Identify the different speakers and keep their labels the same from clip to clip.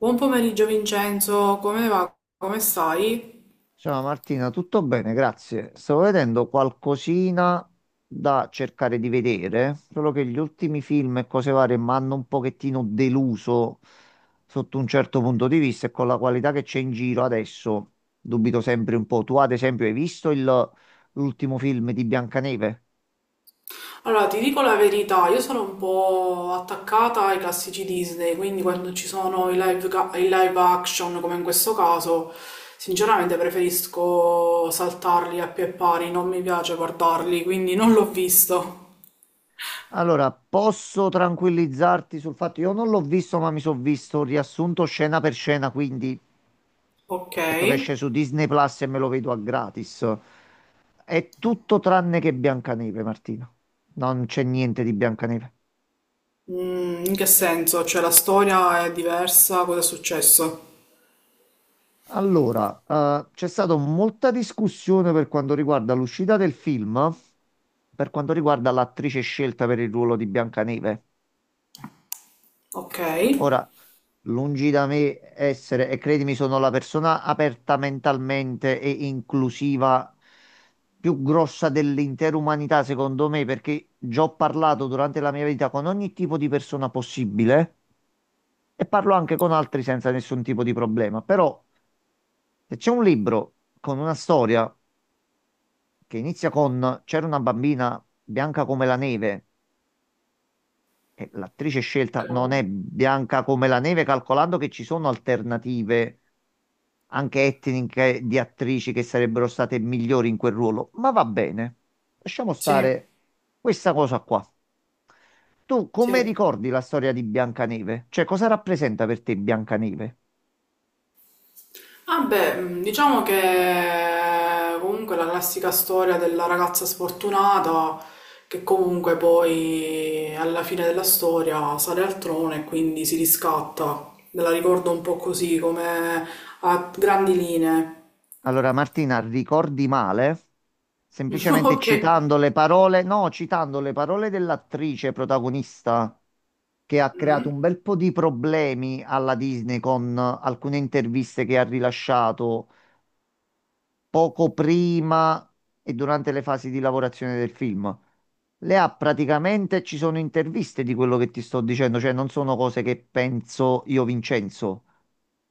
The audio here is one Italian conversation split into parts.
Speaker 1: Buon pomeriggio Vincenzo, come va? Come stai?
Speaker 2: Ciao Martina, tutto bene, grazie. Stavo vedendo qualcosina da cercare di vedere, solo che gli ultimi film e cose varie mi hanno un pochettino deluso sotto un certo punto di vista e con la qualità che c'è in giro adesso dubito sempre un po'. Tu ad esempio hai visto l'ultimo film di Biancaneve?
Speaker 1: Allora, ti dico la verità, io sono un po' attaccata ai classici Disney, quindi quando ci sono i live, i live action, come in questo caso, sinceramente preferisco saltarli a pie pari, non mi piace guardarli, quindi non l'ho visto.
Speaker 2: Allora, posso tranquillizzarti sul fatto, io non l'ho visto, ma mi sono visto riassunto scena per scena, quindi
Speaker 1: Ok.
Speaker 2: aspetto che esce su Disney Plus e me lo vedo a gratis. È tutto tranne che Biancaneve, Martina. Non c'è niente di Biancaneve.
Speaker 1: Mm, in che senso? Cioè la storia è diversa, cosa è successo?
Speaker 2: Allora, c'è stata molta discussione per quanto riguarda l'uscita del film, per quanto riguarda l'attrice scelta per il ruolo di Biancaneve.
Speaker 1: Ok.
Speaker 2: Ora, lungi da me essere, e credimi, sono la persona aperta mentalmente e inclusiva più grossa dell'intera umanità, secondo me, perché già ho parlato durante la mia vita con ogni tipo di persona possibile e parlo anche con altri senza nessun tipo di problema. Però, se c'è un libro con una storia che inizia con «C'era una bambina bianca come la neve», e l'attrice scelta non
Speaker 1: Ok.
Speaker 2: è bianca come la neve, calcolando che ci sono alternative anche etniche di attrici che sarebbero state migliori in quel ruolo, ma va bene. Lasciamo
Speaker 1: Sì,
Speaker 2: stare questa cosa qua. Tu come
Speaker 1: sì.
Speaker 2: ricordi la storia di Biancaneve? Cioè, cosa rappresenta per te Biancaneve?
Speaker 1: Ah beh, diciamo che comunque la classica storia della ragazza sfortunata che comunque poi alla fine della storia sale al trono e quindi si riscatta. Me la ricordo un po' così, come a grandi linee.
Speaker 2: Allora, Martina, ricordi male? Semplicemente
Speaker 1: Ok.
Speaker 2: citando le parole, no, citando le parole dell'attrice protagonista che ha creato
Speaker 1: Mm,
Speaker 2: un bel po' di problemi alla Disney con alcune interviste che ha rilasciato poco prima e durante le fasi di lavorazione del film. Le ha praticamente, ci sono interviste di quello che ti sto dicendo, cioè non sono cose che penso io, Vincenzo.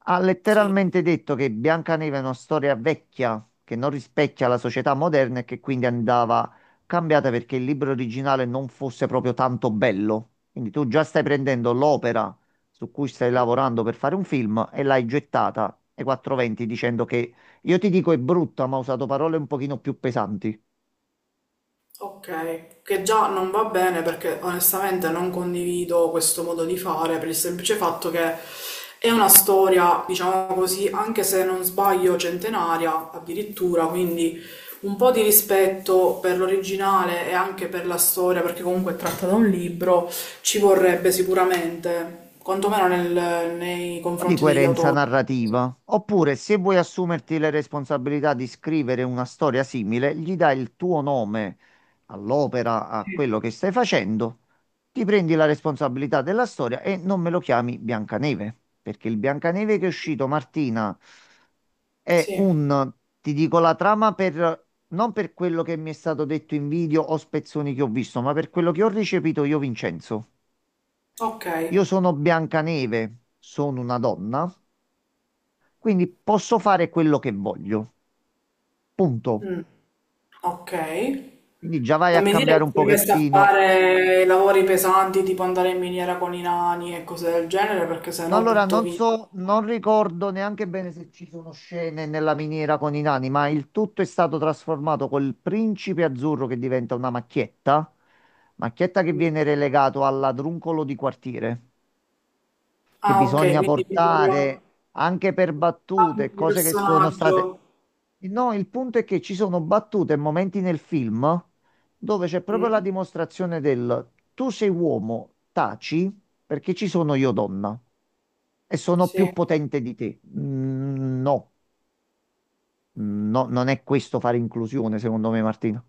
Speaker 2: Ha
Speaker 1: sì.
Speaker 2: letteralmente detto che Biancaneve è una storia vecchia che non rispecchia la società moderna e che quindi andava cambiata perché il libro originale non fosse proprio tanto bello. Quindi tu già stai prendendo l'opera su cui stai
Speaker 1: Mm.
Speaker 2: lavorando per fare un film e l'hai gettata ai 420 dicendo che io ti dico è brutta, ma ho usato parole un pochino più pesanti.
Speaker 1: Ok, che già non va bene perché onestamente non condivido questo modo di fare per il semplice fatto che è una storia, diciamo così, anche se non sbaglio, centenaria addirittura, quindi un po' di rispetto per l'originale e anche per la storia, perché comunque è tratta da un libro, ci vorrebbe sicuramente, quantomeno nei
Speaker 2: Po' di
Speaker 1: confronti degli
Speaker 2: coerenza
Speaker 1: autori.
Speaker 2: narrativa. Oppure, se vuoi assumerti le responsabilità di scrivere una storia simile, gli dai il tuo nome all'opera, a
Speaker 1: Sì,
Speaker 2: quello che stai facendo, ti prendi la responsabilità della storia e non me lo chiami Biancaneve, perché il Biancaneve che è uscito, Martina, è
Speaker 1: sì.
Speaker 2: un, ti dico la trama per... Non per quello che mi è stato detto in video o spezzoni che ho visto, ma per quello che ho ricepito io, Vincenzo.
Speaker 1: Ok.
Speaker 2: Io sono Biancaneve, sono una donna quindi posso fare quello che voglio. Punto.
Speaker 1: Mm, ok.
Speaker 2: Quindi già vai
Speaker 1: Non
Speaker 2: a
Speaker 1: mi dire
Speaker 2: cambiare
Speaker 1: che
Speaker 2: un
Speaker 1: si è messa a
Speaker 2: pochettino.
Speaker 1: fare lavori pesanti tipo andare in miniera con i nani e cose del genere perché
Speaker 2: No,
Speaker 1: sennò
Speaker 2: allora
Speaker 1: butto
Speaker 2: non
Speaker 1: via.
Speaker 2: so, non ricordo neanche bene se ci sono scene nella miniera con i nani, ma il tutto è stato trasformato col principe azzurro che diventa una macchietta, macchietta che viene relegato al ladruncolo di quartiere. Che
Speaker 1: Ah, ok,
Speaker 2: bisogna
Speaker 1: quindi proprio
Speaker 2: portare anche per
Speaker 1: cambio
Speaker 2: battute,
Speaker 1: di
Speaker 2: cose che sono state...
Speaker 1: personaggio.
Speaker 2: No, il punto è che ci sono battute e momenti nel film dove c'è proprio la
Speaker 1: Mm,
Speaker 2: dimostrazione del «tu sei uomo, taci perché ci sono io donna e sono più
Speaker 1: sì,
Speaker 2: potente di te». Mm, no, no, non è questo fare inclusione, secondo me, Martino.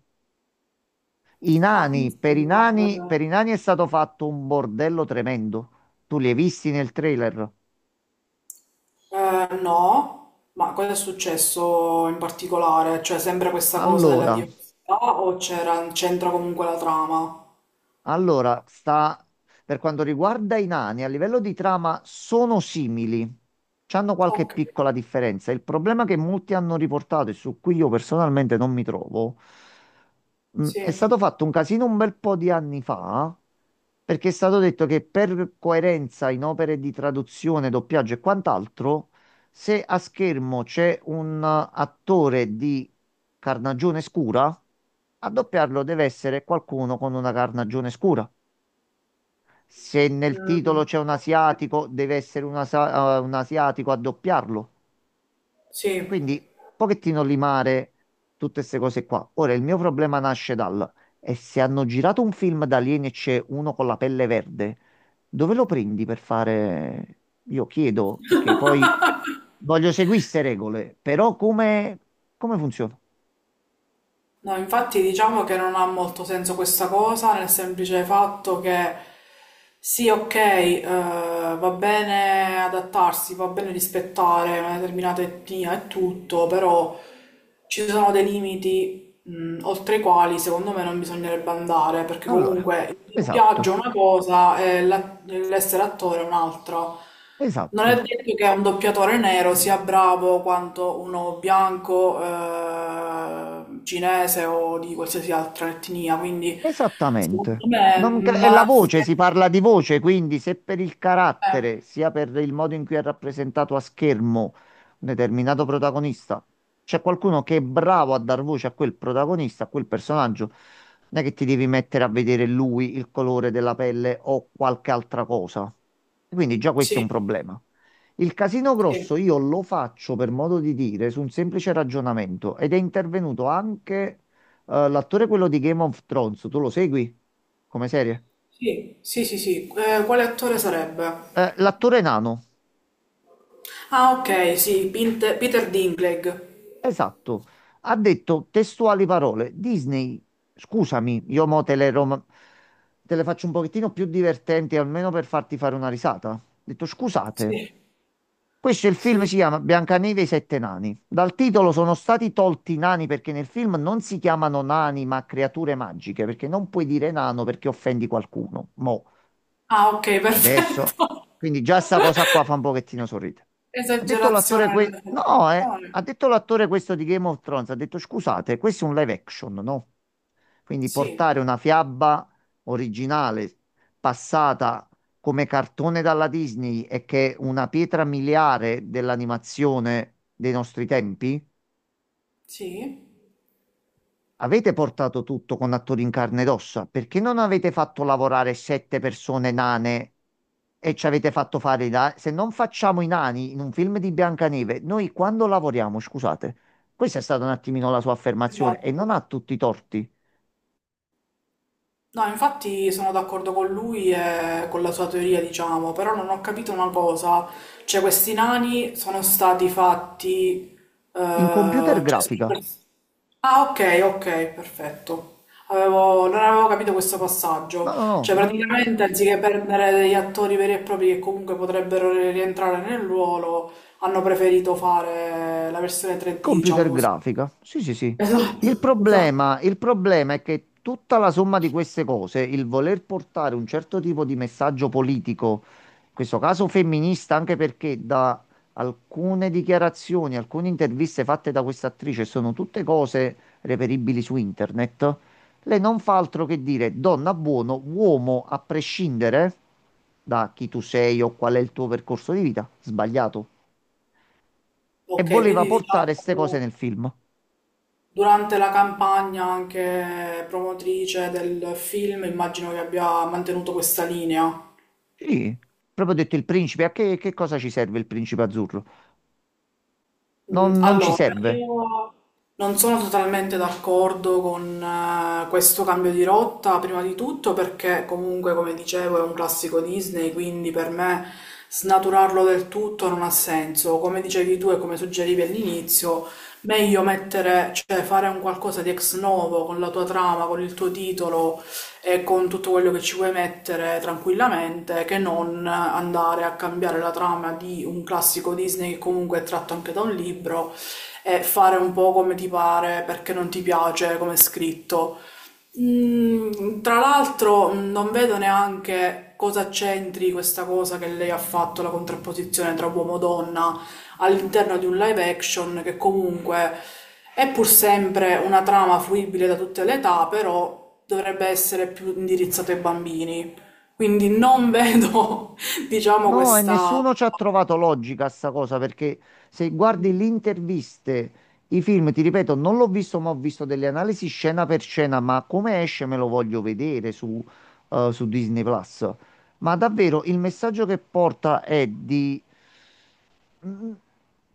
Speaker 2: I
Speaker 1: ma
Speaker 2: nani, per i nani,
Speaker 1: insomma,
Speaker 2: per i nani è stato fatto un bordello tremendo. Tu li hai visti nel trailer?
Speaker 1: no, ma cosa è successo in particolare? Cioè, sempre questa cosa della
Speaker 2: Allora,
Speaker 1: diversità o c'era, c'entra comunque la trama?
Speaker 2: Allora, sta per quanto riguarda i nani, a livello di trama sono simili, c'hanno qualche
Speaker 1: Ok,
Speaker 2: piccola differenza. Il problema che molti hanno riportato e su cui io personalmente non mi trovo, è
Speaker 1: sì.
Speaker 2: stato fatto un casino un bel po' di anni fa, perché è stato detto che per coerenza in opere di traduzione, doppiaggio e quant'altro, se a schermo c'è un attore di carnagione scura, a doppiarlo deve essere qualcuno con una carnagione scura. Se nel titolo
Speaker 1: Mm,
Speaker 2: c'è un
Speaker 1: ok.
Speaker 2: asiatico, deve essere un asiatico a doppiarlo.
Speaker 1: Sì.
Speaker 2: Quindi, un pochettino limare tutte queste cose qua. Ora, il mio problema nasce dal... E se hanno girato un film da alieni e c'è uno con la pelle verde, dove lo prendi per fare... Io chiedo, perché poi voglio seguire queste regole, però come, come funziona?
Speaker 1: No, infatti diciamo che non ha molto senso questa cosa, nel semplice fatto che sì, ok, va bene adattarsi, va bene rispettare una determinata etnia e tutto, però ci sono dei limiti, oltre i quali secondo me non bisognerebbe andare, perché
Speaker 2: Allora,
Speaker 1: comunque il doppiaggio è
Speaker 2: esatto,
Speaker 1: una cosa e l'essere attore è un'altra. Non è
Speaker 2: esatto.
Speaker 1: detto che un doppiatore nero sia bravo quanto uno bianco, cinese o di qualsiasi altra etnia, quindi
Speaker 2: Esattamente.
Speaker 1: secondo me
Speaker 2: Non
Speaker 1: non
Speaker 2: è la
Speaker 1: ha
Speaker 2: voce, si
Speaker 1: senso.
Speaker 2: parla di voce, quindi se per il
Speaker 1: Eh,
Speaker 2: carattere, sia per il modo in cui è rappresentato a schermo un determinato protagonista, c'è qualcuno che è bravo a dar voce a quel protagonista, a quel personaggio, non è che ti devi mettere a vedere lui, il colore della pelle o qualche altra cosa. Quindi già questo è un
Speaker 1: sì,
Speaker 2: problema. Il casino
Speaker 1: sì,
Speaker 2: grosso io lo faccio per modo di dire su un semplice ragionamento ed è intervenuto anche l'attore quello di Game of Thrones, tu lo segui come serie?
Speaker 1: sì, sì, sì, sì. Quale attore sarebbe?
Speaker 2: L'attore nano,
Speaker 1: Ah, ok, sì, Peter Dinklage.
Speaker 2: esatto, ha detto testuali parole. Disney, scusami, io mo te le, te le faccio un pochettino più divertenti, almeno per farti fare una risata. Ha detto scusate,
Speaker 1: Sì,
Speaker 2: questo è il film
Speaker 1: sì.
Speaker 2: si chiama Biancaneve e i sette nani. Dal titolo sono stati tolti i nani perché nel film non si chiamano nani ma creature magiche, perché non puoi dire nano perché offendi qualcuno. Mo.
Speaker 1: Ah, ok,
Speaker 2: Adesso,
Speaker 1: perfetto.
Speaker 2: quindi già sta cosa qua fa un pochettino sorridere. Ha detto l'attore
Speaker 1: Esagerazione delle
Speaker 2: que- no, eh.
Speaker 1: proporzioni.
Speaker 2: Ha detto l'attore questo di Game of Thrones, ha detto scusate, questo è un live action, no? Quindi
Speaker 1: Sì,
Speaker 2: portare una fiaba originale passata come cartone dalla Disney e che è una pietra miliare dell'animazione dei nostri tempi.
Speaker 1: sì,
Speaker 2: Avete portato tutto con attori in carne ed ossa, perché non avete fatto lavorare sette persone nane e ci avete fatto fare i nani? Se non facciamo i nani in un film di Biancaneve, noi quando lavoriamo, scusate, questa è stata un attimino la sua affermazione e non
Speaker 1: esatto.
Speaker 2: ha tutti i torti.
Speaker 1: No, infatti sono d'accordo con lui e con la sua teoria, diciamo, però non ho capito una cosa, cioè questi nani sono stati fatti...
Speaker 2: In computer
Speaker 1: cioè,
Speaker 2: grafica,
Speaker 1: ah, ok, ok, perfetto. Non avevo capito questo
Speaker 2: no,
Speaker 1: passaggio,
Speaker 2: no,
Speaker 1: cioè
Speaker 2: no,
Speaker 1: praticamente anziché prendere degli attori veri e propri che comunque potrebbero rientrare nel ruolo, hanno preferito fare la versione 3D, diciamo
Speaker 2: computer
Speaker 1: così.
Speaker 2: grafica, sì, sì, sì.
Speaker 1: Esatto, esatto.
Speaker 2: Il problema è che tutta la somma di queste cose, il voler portare un certo tipo di messaggio politico, in questo caso femminista, anche perché da alcune dichiarazioni, alcune interviste fatte da questa attrice sono tutte cose reperibili su internet, lei non fa altro che dire donna buono, uomo a prescindere da chi tu sei o qual è il tuo percorso di vita, sbagliato. E
Speaker 1: Ok,
Speaker 2: voleva
Speaker 1: quindi
Speaker 2: portare queste cose nel
Speaker 1: diciamo...
Speaker 2: film.
Speaker 1: Durante la campagna anche promotrice del film, immagino che abbia mantenuto questa linea.
Speaker 2: Sì, proprio ho detto il principe, a che cosa ci serve il principe azzurro?
Speaker 1: Mm,
Speaker 2: Non ci
Speaker 1: allora,
Speaker 2: serve.
Speaker 1: io non sono totalmente d'accordo con questo cambio di rotta, prima di tutto perché comunque, come dicevo, è un classico Disney, quindi per me snaturarlo del tutto non ha senso. Come dicevi tu e come suggerivi all'inizio, meglio mettere, cioè fare un qualcosa di ex novo con la tua trama, con il tuo titolo e con tutto quello che ci puoi mettere tranquillamente che non andare a cambiare la trama di un classico Disney che comunque è tratto anche da un libro e fare un po' come ti pare perché non ti piace come è scritto. Mm, tra l'altro mm, non vedo neanche cosa c'entri questa cosa che lei ha fatto, la contrapposizione tra uomo e donna all'interno di un live action che comunque è pur sempre una trama fruibile da tutte le età, però dovrebbe essere più indirizzato ai bambini. Quindi non vedo, diciamo,
Speaker 2: No, e
Speaker 1: questa.
Speaker 2: nessuno ci ha trovato logica a sta cosa, perché se guardi le interviste, i film, ti ripeto, non l'ho visto, ma ho visto delle analisi scena per scena, ma come esce me lo voglio vedere su Disney Plus. Ma davvero il messaggio che porta è di Mm,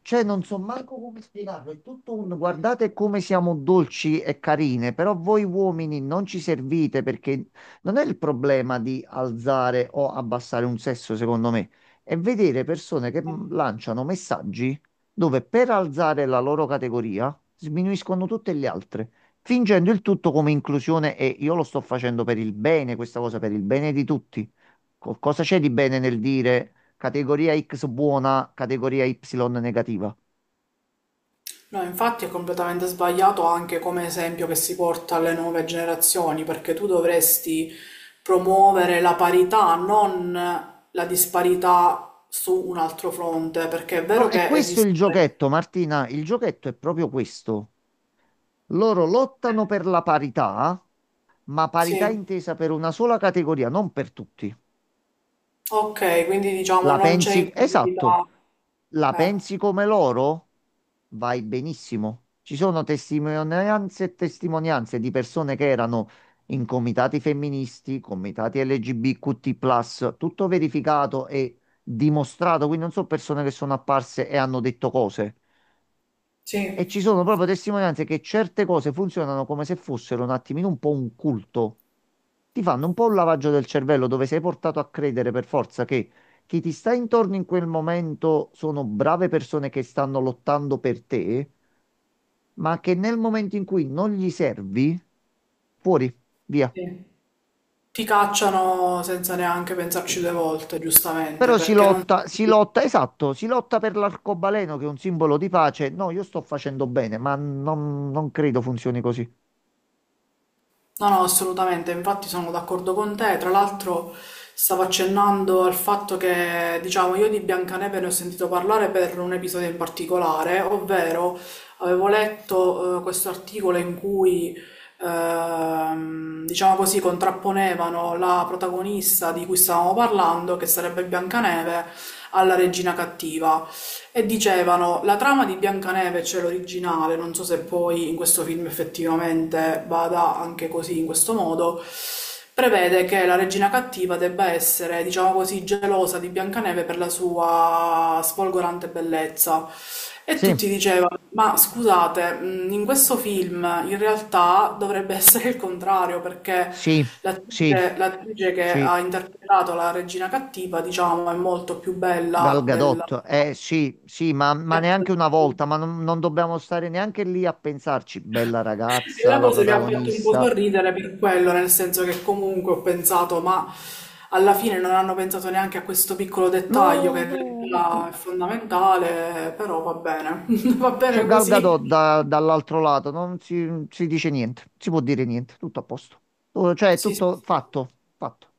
Speaker 2: cioè, non so manco come spiegarlo, è tutto un guardate come siamo dolci e carine, però voi uomini non ci servite perché non è il problema di alzare o abbassare un sesso, secondo me, è vedere persone che lanciano messaggi dove per alzare la loro categoria sminuiscono tutte le altre, fingendo il tutto come inclusione e io lo sto facendo per il bene, questa cosa per il bene di tutti. Cosa c'è di bene nel dire? Categoria X buona, categoria Y negativa.
Speaker 1: No, infatti è completamente sbagliato anche come esempio che si porta alle nuove generazioni, perché tu dovresti promuovere la parità, non la disparità su un altro fronte, perché è
Speaker 2: No,
Speaker 1: vero
Speaker 2: è
Speaker 1: che
Speaker 2: questo
Speaker 1: esiste.
Speaker 2: il giochetto, Martina. Il giochetto è proprio questo. Loro lottano per la parità, ma parità
Speaker 1: Sì,
Speaker 2: intesa per una sola categoria, non per tutti.
Speaker 1: ok, quindi diciamo
Speaker 2: La
Speaker 1: non c'è
Speaker 2: pensi? Esatto.
Speaker 1: inclusività.
Speaker 2: La
Speaker 1: Eh,
Speaker 2: pensi come loro? Vai benissimo. Ci sono testimonianze e testimonianze di persone che erano in comitati femministi, comitati LGBTQ+, tutto verificato e dimostrato, quindi non sono persone che sono apparse e hanno detto cose.
Speaker 1: sì,
Speaker 2: E ci sono proprio testimonianze che certe cose funzionano come se fossero un attimino un po' un culto. Ti fanno un po' un lavaggio del cervello dove sei portato a credere per forza che chi ti sta intorno in quel momento sono brave persone che stanno lottando per te, ma che nel momento in cui non gli servi, fuori, via.
Speaker 1: sì. Ti cacciano senza neanche pensarci due volte, giustamente,
Speaker 2: Però
Speaker 1: perché non...
Speaker 2: si lotta, esatto, si lotta per l'arcobaleno che è un simbolo di pace. No, io sto facendo bene, ma non, non credo funzioni così.
Speaker 1: No, no, assolutamente, infatti sono d'accordo con te. Tra l'altro stavo accennando al fatto che, diciamo, io di Biancaneve ne ho sentito parlare per un episodio in particolare, ovvero avevo letto questo articolo in cui, diciamo così, contrapponevano la protagonista di cui stavamo parlando, che sarebbe Biancaneve, alla regina cattiva. E dicevano, la trama di Biancaneve, c'è l'originale, non so se poi in questo film effettivamente vada anche così, in questo modo, prevede che la regina cattiva debba essere, diciamo così, gelosa di Biancaneve per la sua sfolgorante bellezza. E
Speaker 2: Sì,
Speaker 1: tutti dicevano, ma scusate, in questo film in realtà dovrebbe essere il contrario, perché
Speaker 2: sì, sì.
Speaker 1: l'attrice che
Speaker 2: Sì,
Speaker 1: ha interpretato la regina cattiva, diciamo, è molto più
Speaker 2: Gal
Speaker 1: bella della
Speaker 2: Gadot, eh sì, sì, ma
Speaker 1: eh.
Speaker 2: neanche una volta, ma non dobbiamo stare neanche lì a pensarci, bella
Speaker 1: E
Speaker 2: ragazza,
Speaker 1: la
Speaker 2: la
Speaker 1: cosa mi ha fatto un po'
Speaker 2: protagonista.
Speaker 1: sorridere per quello, nel senso che comunque ho pensato, ma alla fine non hanno pensato neanche a questo piccolo dettaglio che
Speaker 2: No,
Speaker 1: in
Speaker 2: no, Martì,
Speaker 1: realtà è fondamentale, però va bene, va
Speaker 2: c'è
Speaker 1: bene
Speaker 2: Gal
Speaker 1: così.
Speaker 2: Gadot dall'altro lato, non si dice niente, si può dire niente, tutto a posto. Tu- Cioè, è
Speaker 1: Sì, sì.
Speaker 2: tutto fatto, fatto.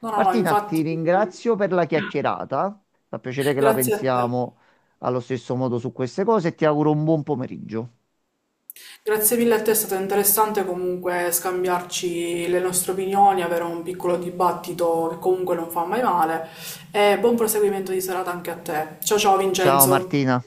Speaker 1: No, no, no,
Speaker 2: Martina, ti
Speaker 1: infatti,
Speaker 2: ringrazio per la chiacchierata, fa piacere che la
Speaker 1: grazie a te.
Speaker 2: pensiamo allo stesso modo su queste cose e ti auguro un buon pomeriggio.
Speaker 1: Grazie mille a te, è stato interessante comunque scambiarci le nostre opinioni, avere un piccolo dibattito che comunque non fa mai male e buon proseguimento di serata anche a te. Ciao ciao
Speaker 2: Ciao
Speaker 1: Vincenzo!
Speaker 2: Martina.